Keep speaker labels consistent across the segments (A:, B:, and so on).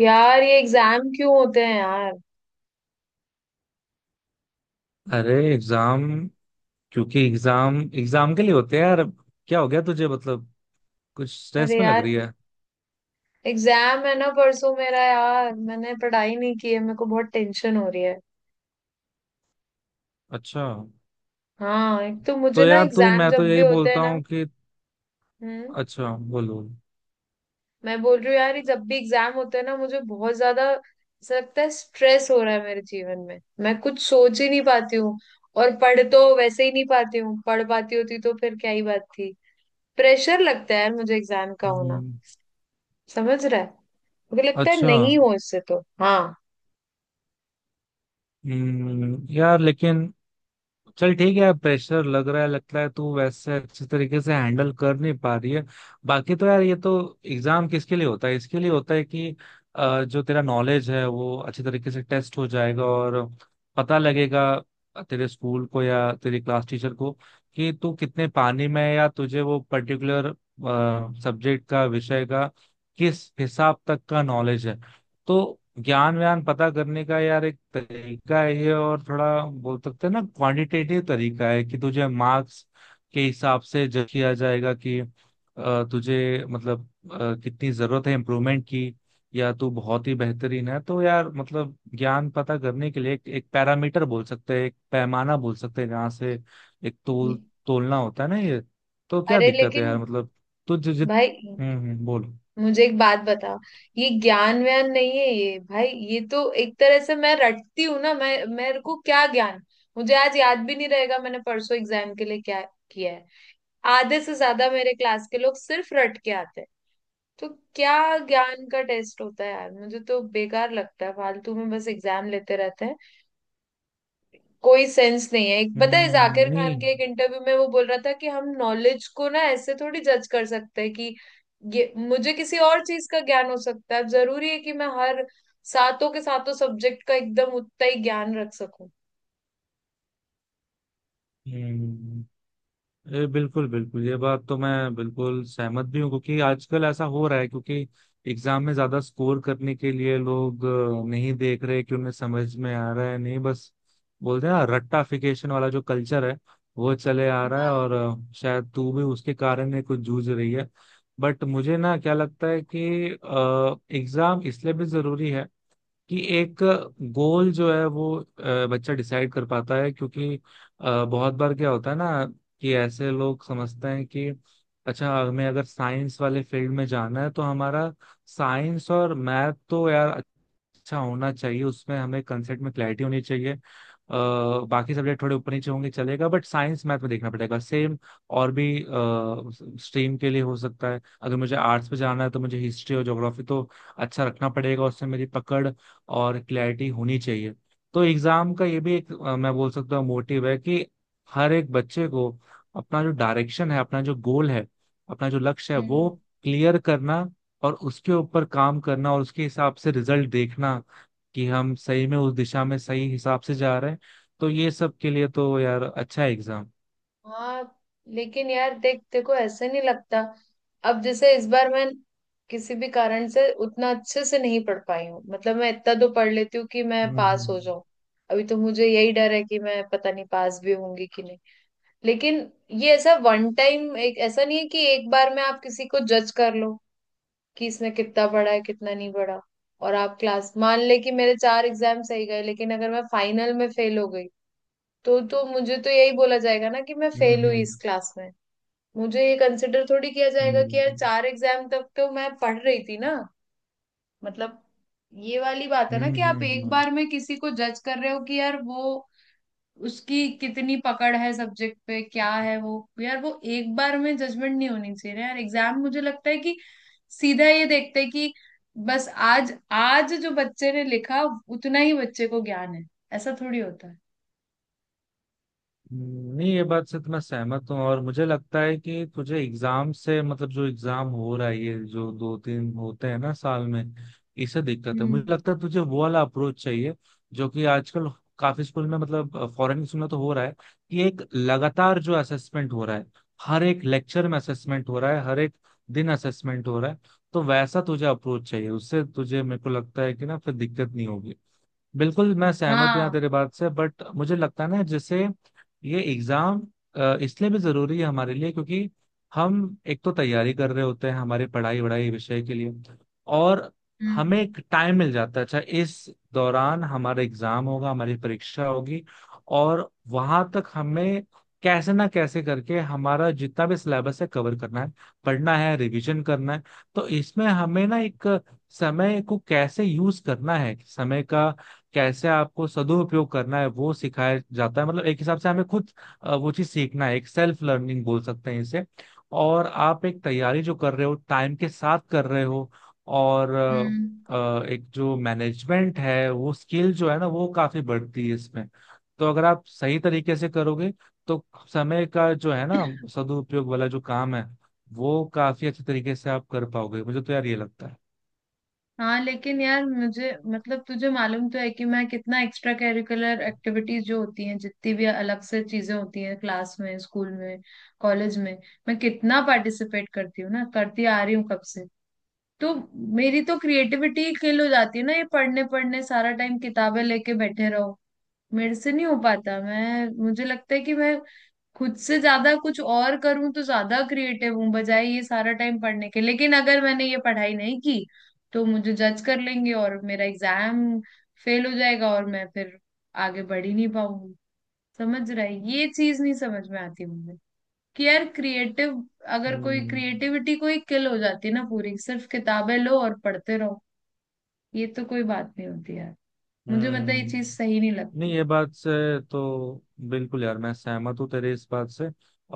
A: यार ये एग्जाम क्यों होते हैं यार।
B: अरे एग्जाम। क्योंकि एग्जाम एग्जाम के लिए होते हैं यार। अब क्या हो गया तुझे? मतलब कुछ स्ट्रेस
A: अरे
B: में लग
A: यार,
B: रही है।
A: एग्जाम है ना परसों मेरा। यार मैंने पढ़ाई नहीं की है, मेरे को बहुत टेंशन हो रही है।
B: अच्छा।
A: हाँ, एक तो मुझे
B: तो
A: ना
B: यार तू
A: एग्जाम
B: मैं
A: जब
B: तो
A: भी
B: यही
A: होते हैं
B: बोलता
A: ना,
B: हूँ कि।
A: हम्म,
B: अच्छा, बोलो।
A: मैं बोल रही हूँ यार, ये जब भी एग्जाम होते हैं ना, मुझे बहुत ज्यादा ऐसा लगता है स्ट्रेस हो रहा है मेरे जीवन में। मैं कुछ सोच ही नहीं पाती हूँ। और पढ़ तो वैसे ही नहीं पाती हूँ, पढ़ पाती होती तो फिर क्या ही बात थी। प्रेशर लगता है यार मुझे एग्जाम का होना।
B: हम्म,
A: समझ रहा है। मुझे लगता है
B: अच्छा।
A: नहीं हो इससे तो। हाँ,
B: यार लेकिन चल ठीक है, प्रेशर लग रहा है, लगता है तू वैसे अच्छे तरीके से हैंडल कर नहीं पा रही है। बाकी तो यार ये तो एग्जाम किसके लिए होता है? इसके लिए होता है कि जो तेरा नॉलेज है वो अच्छे तरीके से टेस्ट हो जाएगा, और पता लगेगा तेरे स्कूल को या तेरी क्लास टीचर को कि तू कितने पानी में है, या तुझे वो पर्टिकुलर सब्जेक्ट का, विषय का किस हिसाब तक का नॉलेज है। तो ज्ञान व्यान पता करने का यार एक तरीका है ये। और थोड़ा बोल सकते हैं ना, क्वांटिटेटिव तरीका है कि तुझे मार्क्स के हिसाब से जज किया जाएगा कि तुझे मतलब कितनी जरूरत है इम्प्रूवमेंट की, या तू बहुत ही बेहतरीन है। तो यार मतलब ज्ञान पता करने के लिए एक पैरामीटर बोल सकते हैं, एक पैमाना बोल सकते हैं, जहाँ से एक तोल, तोलना होता है ना ये। तो क्या
A: अरे
B: दिक्कत है यार?
A: लेकिन
B: मतलब तुझे जित
A: भाई,
B: बोलो।
A: मुझे एक बात बता। ये ज्ञान व्यान नहीं है ये भाई, ये तो एक तरह से मैं रटती हूँ ना। मैं मेरे को क्या ज्ञान। मुझे आज याद भी नहीं रहेगा मैंने परसों एग्जाम के लिए क्या किया है। आधे से ज्यादा मेरे क्लास के लोग सिर्फ रट के आते हैं। तो क्या ज्ञान का टेस्ट होता है यार? मुझे तो बेकार लगता है, फालतू में बस एग्जाम लेते रहते हैं। कोई सेंस नहीं है। एक पता है,
B: हम्म,
A: जाकिर खान
B: नहीं।
A: के एक इंटरव्यू में वो बोल रहा था कि हम नॉलेज को ना ऐसे थोड़ी जज कर सकते हैं कि ये। मुझे किसी और चीज का ज्ञान हो सकता है, अब जरूरी है कि मैं हर सातों के सातों सब्जेक्ट का एकदम उतना ही ज्ञान रख सकूं?
B: हम्म, ये बिल्कुल बिल्कुल, ये बात तो मैं बिल्कुल सहमत भी हूँ क्योंकि आजकल ऐसा हो रहा है। क्योंकि एग्जाम में ज्यादा स्कोर करने के लिए लोग नहीं देख रहे कि उन्हें समझ में आ रहा है, नहीं, बस बोलते हैं ना, रट्टाफिकेशन वाला जो कल्चर है वो चले आ रहा है। और
A: हाँ।
B: शायद तू भी उसके कारण ही कुछ जूझ रही है। बट मुझे ना क्या लगता है कि एग्जाम इसलिए भी जरूरी है कि एक गोल जो है वो बच्चा डिसाइड कर पाता है, क्योंकि बहुत बार क्या होता है ना कि ऐसे लोग समझते हैं कि अच्छा हमें अगर साइंस वाले फील्ड में जाना है तो हमारा साइंस और मैथ तो यार अच्छा होना चाहिए, उसमें हमें कंसेप्ट में क्लैरिटी होनी चाहिए। बाकी सब्जेक्ट थोड़े ऊपर नीचे होंगे चलेगा, बट साइंस मैथ में देखना पड़ेगा। सेम और भी स्ट्रीम के लिए हो सकता है। अगर मुझे आर्ट्स पे जाना है तो मुझे हिस्ट्री और ज्योग्राफी तो अच्छा रखना पड़ेगा, उसमें मेरी पकड़ और क्लैरिटी होनी चाहिए। तो एग्जाम का ये भी एक मैं बोल सकता हूँ मोटिव है कि हर एक बच्चे को अपना जो डायरेक्शन है, अपना जो गोल है, अपना जो लक्ष्य है वो
A: हम्म।
B: क्लियर करना, और उसके ऊपर काम करना, और उसके हिसाब से रिजल्ट देखना कि हम सही में उस दिशा में सही हिसाब से जा रहे हैं। तो ये सब के लिए तो यार अच्छा एग्जाम।
A: हाँ लेकिन यार देख, देखो ऐसे नहीं लगता। अब जैसे इस बार मैं किसी भी कारण से उतना अच्छे से नहीं पढ़ पाई हूँ, मतलब मैं इतना तो पढ़ लेती हूँ कि मैं पास हो
B: हम्म
A: जाऊं। अभी तो मुझे यही डर है कि मैं पता नहीं पास भी होंगी कि नहीं। लेकिन ये ऐसा वन टाइम, एक ऐसा नहीं है कि एक बार में आप किसी को जज कर लो कि इसने कितना पढ़ा है कितना नहीं पढ़ा। और आप क्लास मान ले कि मेरे चार एग्जाम सही गए लेकिन अगर मैं फाइनल में फेल हो गई, तो मुझे तो यही बोला जाएगा ना कि मैं फेल हुई इस
B: हम्म।
A: क्लास में। मुझे ये कंसिडर थोड़ी किया जाएगा कि यार
B: हम्म
A: चार एग्जाम तक तो मैं पढ़ रही थी ना। मतलब ये वाली बात है
B: हम्म
A: ना कि
B: हम्म
A: आप
B: हम्म,
A: एक
B: हम्म,
A: बार में किसी को जज कर रहे हो कि यार वो, उसकी कितनी पकड़ है सब्जेक्ट पे, क्या है वो। यार वो एक बार में जजमेंट नहीं होनी चाहिए ना यार। एग्जाम मुझे लगता है कि सीधा ये देखते हैं कि बस आज, आज जो बच्चे ने लिखा उतना ही बच्चे को ज्ञान है। ऐसा थोड़ी होता है।
B: नहीं, ये बात से तो मैं सहमत हूँ। और मुझे लगता है कि तुझे एग्जाम से मतलब, जो एग्जाम हो रहा है ये जो दो तीन होते हैं ना साल में, इससे दिक्कत है। मुझे
A: हम्म।
B: लगता है तुझे वो वाला अप्रोच चाहिए जो कि आजकल काफी स्कूल में, मतलब फॉरेन स्कूल में तो हो रहा है, कि एक लगातार जो असेसमेंट हो रहा है, हर एक लेक्चर में असेसमेंट हो रहा है, हर एक दिन असेसमेंट हो रहा है। तो वैसा तुझे अप्रोच चाहिए, उससे तुझे, मेरे को लगता है कि ना फिर दिक्कत नहीं होगी। बिल्कुल मैं सहमत हूँ यहाँ
A: हाँ।
B: तेरे बात से। बट मुझे लगता है ना, जैसे ये एग्जाम इसलिए भी जरूरी है हमारे लिए क्योंकि हम एक तो तैयारी कर रहे होते हैं हमारी पढ़ाई वढ़ाई विषय के लिए, और
A: हम्म।
B: हमें एक टाइम मिल जाता है अच्छा इस दौरान हमारा एग्जाम होगा, हमारी परीक्षा होगी, और वहां तक हमें कैसे ना कैसे करके हमारा जितना भी सिलेबस है कवर करना है, पढ़ना है, रिवीजन करना है। तो इसमें हमें ना एक समय को कैसे यूज करना है, समय का कैसे आपको सदुपयोग करना है वो सिखाया जाता है। मतलब एक हिसाब से हमें खुद वो चीज सीखना है, एक सेल्फ लर्निंग बोल सकते हैं इसे। और आप एक तैयारी जो कर रहे हो टाइम के साथ कर रहे हो, और
A: हम्म।
B: एक जो मैनेजमेंट है वो स्किल जो है ना वो काफी बढ़ती है इसमें। तो अगर आप सही तरीके से करोगे तो समय का जो है ना सदुपयोग वाला जो काम है, वो काफी अच्छे तरीके से आप कर पाओगे। मुझे तो यार ये लगता है।
A: हाँ लेकिन यार, मुझे मतलब तुझे मालूम तो है कि मैं कितना एक्स्ट्रा करिकुलर एक्टिविटीज जो होती हैं जितनी भी अलग से चीजें होती हैं क्लास में, स्कूल में, कॉलेज में, मैं कितना पार्टिसिपेट करती हूँ ना, करती आ रही हूँ कब से। तो मेरी तो क्रिएटिविटी किल हो जाती है ना, ये पढ़ने पढ़ने सारा टाइम किताबें लेके बैठे रहो। मेरे से नहीं हो पाता। मैं मुझे लगता है कि मैं खुद से ज्यादा कुछ और करूं तो ज्यादा क्रिएटिव हूं बजाय ये सारा टाइम पढ़ने के। लेकिन अगर मैंने ये पढ़ाई नहीं की तो मुझे जज कर लेंगे और मेरा एग्जाम फेल हो जाएगा और मैं फिर आगे बढ़ ही नहीं पाऊंगी। समझ रहा है? ये चीज नहीं समझ में आती मुझे कि यार, क्रिएटिव, अगर कोई
B: हम्म
A: क्रिएटिविटी कोई किल हो जाती है ना पूरी, सिर्फ किताबें लो और पढ़ते रहो, ये तो कोई बात नहीं होती यार। मुझे मतलब ये चीज
B: हम्म।
A: सही नहीं
B: नहीं,
A: लगती।
B: ये बात से तो बिल्कुल यार मैं सहमत हूँ तेरे इस बात से।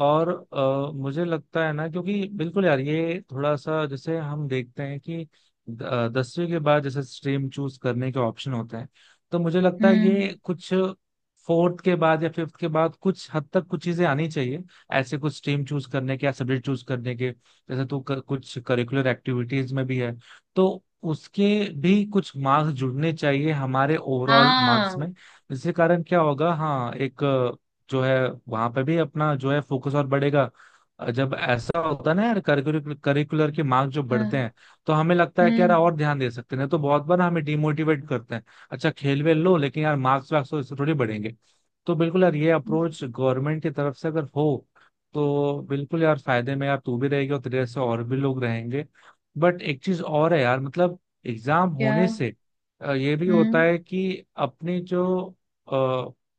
B: और मुझे लगता है ना, क्योंकि बिल्कुल यार ये थोड़ा सा जैसे हम देखते हैं कि दसवीं के बाद जैसे स्ट्रीम चूज करने के ऑप्शन होते हैं, तो मुझे लगता है
A: हम्म।
B: ये कुछ फोर्थ के बाद या फिफ्थ के बाद कुछ हद तक कुछ चीजें आनी चाहिए, ऐसे कुछ स्ट्रीम चूज करने के या सब्जेक्ट चूज करने के। जैसे तू कुछ करिकुलर एक्टिविटीज में भी है, तो उसके भी कुछ मार्क्स जुड़ने चाहिए हमारे ओवरऑल मार्क्स
A: हाँ।
B: में। इसके कारण क्या होगा? हाँ, एक जो है वहां पे भी अपना जो है फोकस और बढ़ेगा। जब ऐसा होता है ना यार, करिकुलर करिकुलर के मार्क जो
A: हाँ,
B: बढ़ते हैं, तो हमें लगता है कि यार
A: हम्म।
B: और ध्यान दे सकते हैं, नहीं तो बहुत बार हमें डिमोटिवेट करते हैं, अच्छा खेल वेल लो लेकिन यार मार्क्स वार्क्स तो इससे थोड़ी बढ़ेंगे। तो बिल्कुल यार ये अप्रोच गवर्नमेंट की तरफ से अगर हो तो बिल्कुल यार फायदे में यार तू भी रहेगी और तेरे से और भी लोग रहेंगे। बट एक चीज और है यार, मतलब एग्जाम
A: क्या?
B: होने से ये भी होता
A: हम्म।
B: है कि अपनी जो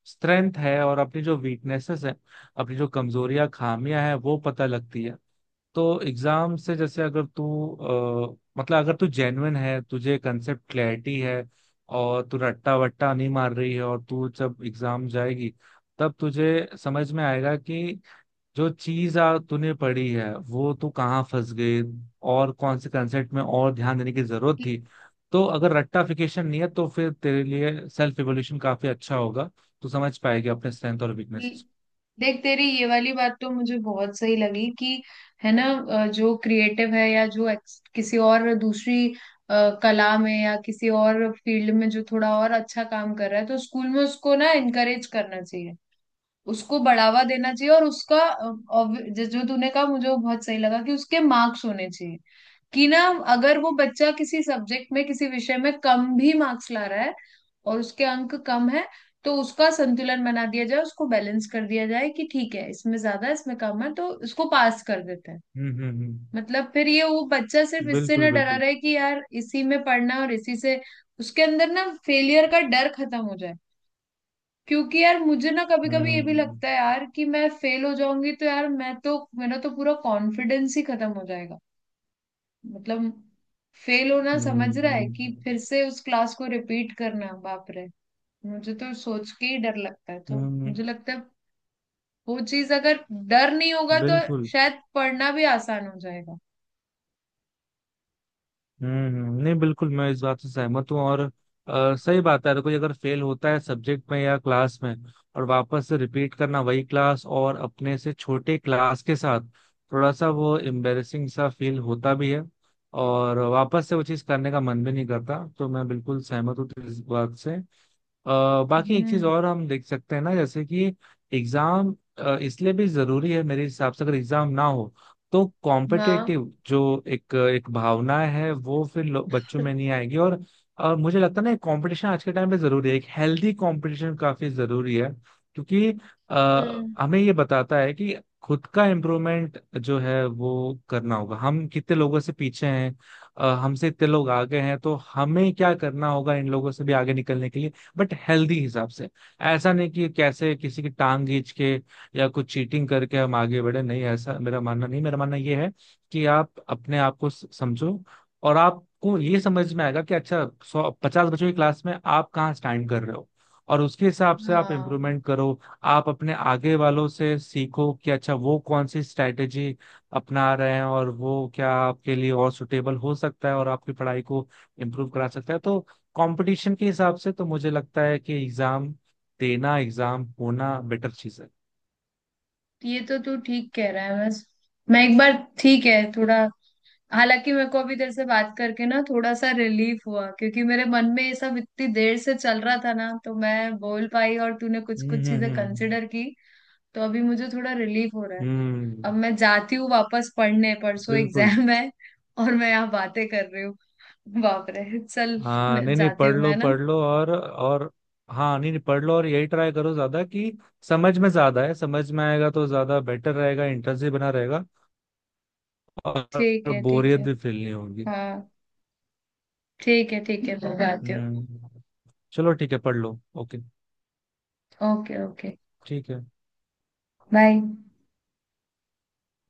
B: स्ट्रेंथ है और अपनी जो वीकनेसेस है, अपनी जो कमजोरियां खामियां हैं वो पता लगती है। तो एग्जाम से, जैसे अगर तू मतलब अगर तू जेन्युइन है, तुझे कंसेप्ट क्लैरिटी है, और तू रट्टा वट्टा नहीं मार रही है, और तू जब एग्जाम जाएगी तब तुझे समझ में आएगा कि जो चीज आ तूने पढ़ी है वो तू कहाँ फंस गई, और कौन से कंसेप्ट में और ध्यान देने की जरूरत थी। तो अगर रट्टाफिकेशन नहीं है तो फिर तेरे लिए सेल्फ इवोल्यूशन काफी अच्छा होगा, तू समझ पाएगी अपने स्ट्रेंथ और
A: ल-
B: वीकनेसेस।
A: देख, तेरी ये वाली बात तो मुझे बहुत सही लगी कि है ना, जो क्रिएटिव है या जो किसी और दूसरी कला में या किसी और फील्ड में जो थोड़ा और अच्छा काम कर रहा है, तो स्कूल में उसको ना इनकरेज करना चाहिए, उसको बढ़ावा देना चाहिए। और उसका जो तूने कहा, मुझे वो बहुत सही लगा कि उसके मार्क्स होने चाहिए। कि ना, अगर वो बच्चा किसी सब्जेक्ट में किसी विषय में कम भी मार्क्स ला रहा है और उसके अंक कम है, तो उसका संतुलन बना दिया जाए, उसको बैलेंस कर दिया जाए कि ठीक है इसमें ज्यादा है, इसमें कम है, तो इसको पास कर देते हैं।
B: हम्म।
A: मतलब फिर ये वो बच्चा सिर्फ इससे ना
B: बिल्कुल
A: डरा
B: बिल्कुल।
A: रहे कि यार इसी में पढ़ना है और इसी से उसके अंदर ना फेलियर का डर खत्म हो जाए। क्योंकि यार मुझे ना कभी कभी ये भी
B: हम्म
A: लगता है यार कि मैं फेल हो जाऊंगी तो यार मैं तो, मेरा तो पूरा कॉन्फिडेंस ही खत्म हो जाएगा। मतलब फेल होना,
B: हम्म
A: समझ रहा है कि
B: हम्म,
A: फिर से उस क्लास को रिपीट करना, बाप रे। मुझे तो सोच के ही डर लगता है। तो
B: हम्म,
A: मुझे लगता है वो चीज अगर डर नहीं होगा तो
B: बिल्कुल।
A: शायद पढ़ना भी आसान हो जाएगा।
B: नहीं, बिल्कुल मैं इस बात से सहमत हूँ। और सही बात है, अगर कोई अगर फेल होता है सब्जेक्ट में या क्लास में और वापस से रिपीट करना वही क्लास और अपने से छोटे क्लास के साथ, थोड़ा सा वो एम्बेरसिंग सा फील होता भी है, और वापस से वो चीज़ करने का मन भी नहीं करता। तो मैं बिल्कुल सहमत हूँ इस बात से। अ, बाकी एक चीज
A: हम्म।
B: और हम देख सकते हैं ना, जैसे कि एग्जाम इसलिए भी जरूरी है मेरे हिसाब से। अगर एग्जाम ना हो तो
A: हाँ।
B: कॉम्पिटेटिव जो एक एक भावना है, वो फिर बच्चों में नहीं आएगी। और मुझे लगता है ना, कंपटीशन आज के टाइम पे जरूरी है, एक हेल्दी कंपटीशन काफी जरूरी है। क्योंकि
A: हम्म।
B: हमें ये बताता है कि खुद का इम्प्रूवमेंट जो है वो करना होगा, हम कितने लोगों से पीछे हैं, हमसे इतने लोग आगे हैं तो हमें क्या करना होगा इन लोगों से भी आगे निकलने के लिए, बट हेल्दी हिसाब से। ऐसा नहीं कि कैसे किसी की टांग खींच के या कुछ चीटिंग करके हम आगे बढ़े, नहीं ऐसा मेरा मानना नहीं। मेरा मानना ये है कि आप अपने आप को समझो, और आपको ये समझ में आएगा कि अच्छा सौ पचास बच्चों की क्लास में आप कहाँ स्टैंड कर रहे हो, और उसके हिसाब से आप
A: हाँ,
B: इम्प्रूवमेंट करो। आप अपने आगे वालों से सीखो कि अच्छा वो कौन सी स्ट्रैटेजी अपना रहे हैं, और वो क्या आपके लिए और सुटेबल हो सकता है और आपकी पढ़ाई को इम्प्रूव करा सकता है। तो कंपटीशन के हिसाब से तो मुझे लगता है कि एग्जाम देना, एग्जाम होना बेटर चीज है।
A: ये तो तू ठीक कह रहा है। बस मैं एक बार, ठीक है, थोड़ा, हालांकि मेरे को अभी तेरे से बात करके ना थोड़ा सा रिलीफ हुआ, क्योंकि मेरे मन में ये सब इतनी देर से चल रहा था ना, तो मैं बोल पाई और तूने कुछ कुछ चीजें
B: हम्म।
A: कंसिडर की। तो अभी मुझे थोड़ा रिलीफ हो रहा है।
B: हम्म,
A: अब मैं जाती हूँ वापस पढ़ने, परसों
B: बिल्कुल।
A: एग्जाम है और मैं यहाँ बातें कर रही हूँ। बाप रे, चल।
B: हाँ, नहीं नहीं,
A: जाती
B: पढ़
A: हूँ
B: लो
A: मैं ना।
B: पढ़ लो, और हाँ नहीं नहीं पढ़ लो, और यही ट्राई करो ज्यादा कि समझ में ज्यादा है, समझ में आएगा तो ज्यादा बेटर रहेगा, इंटरेस्ट भी बना रहेगा
A: ठीक
B: और
A: है ठीक
B: बोरियत
A: है।
B: भी फील नहीं होगी।
A: हाँ, ठीक है ठीक है, मैं जाती हूँ।
B: हम्म। चलो ठीक है, पढ़ लो। Okay,
A: okay okay.
B: ठीक है।
A: बाय।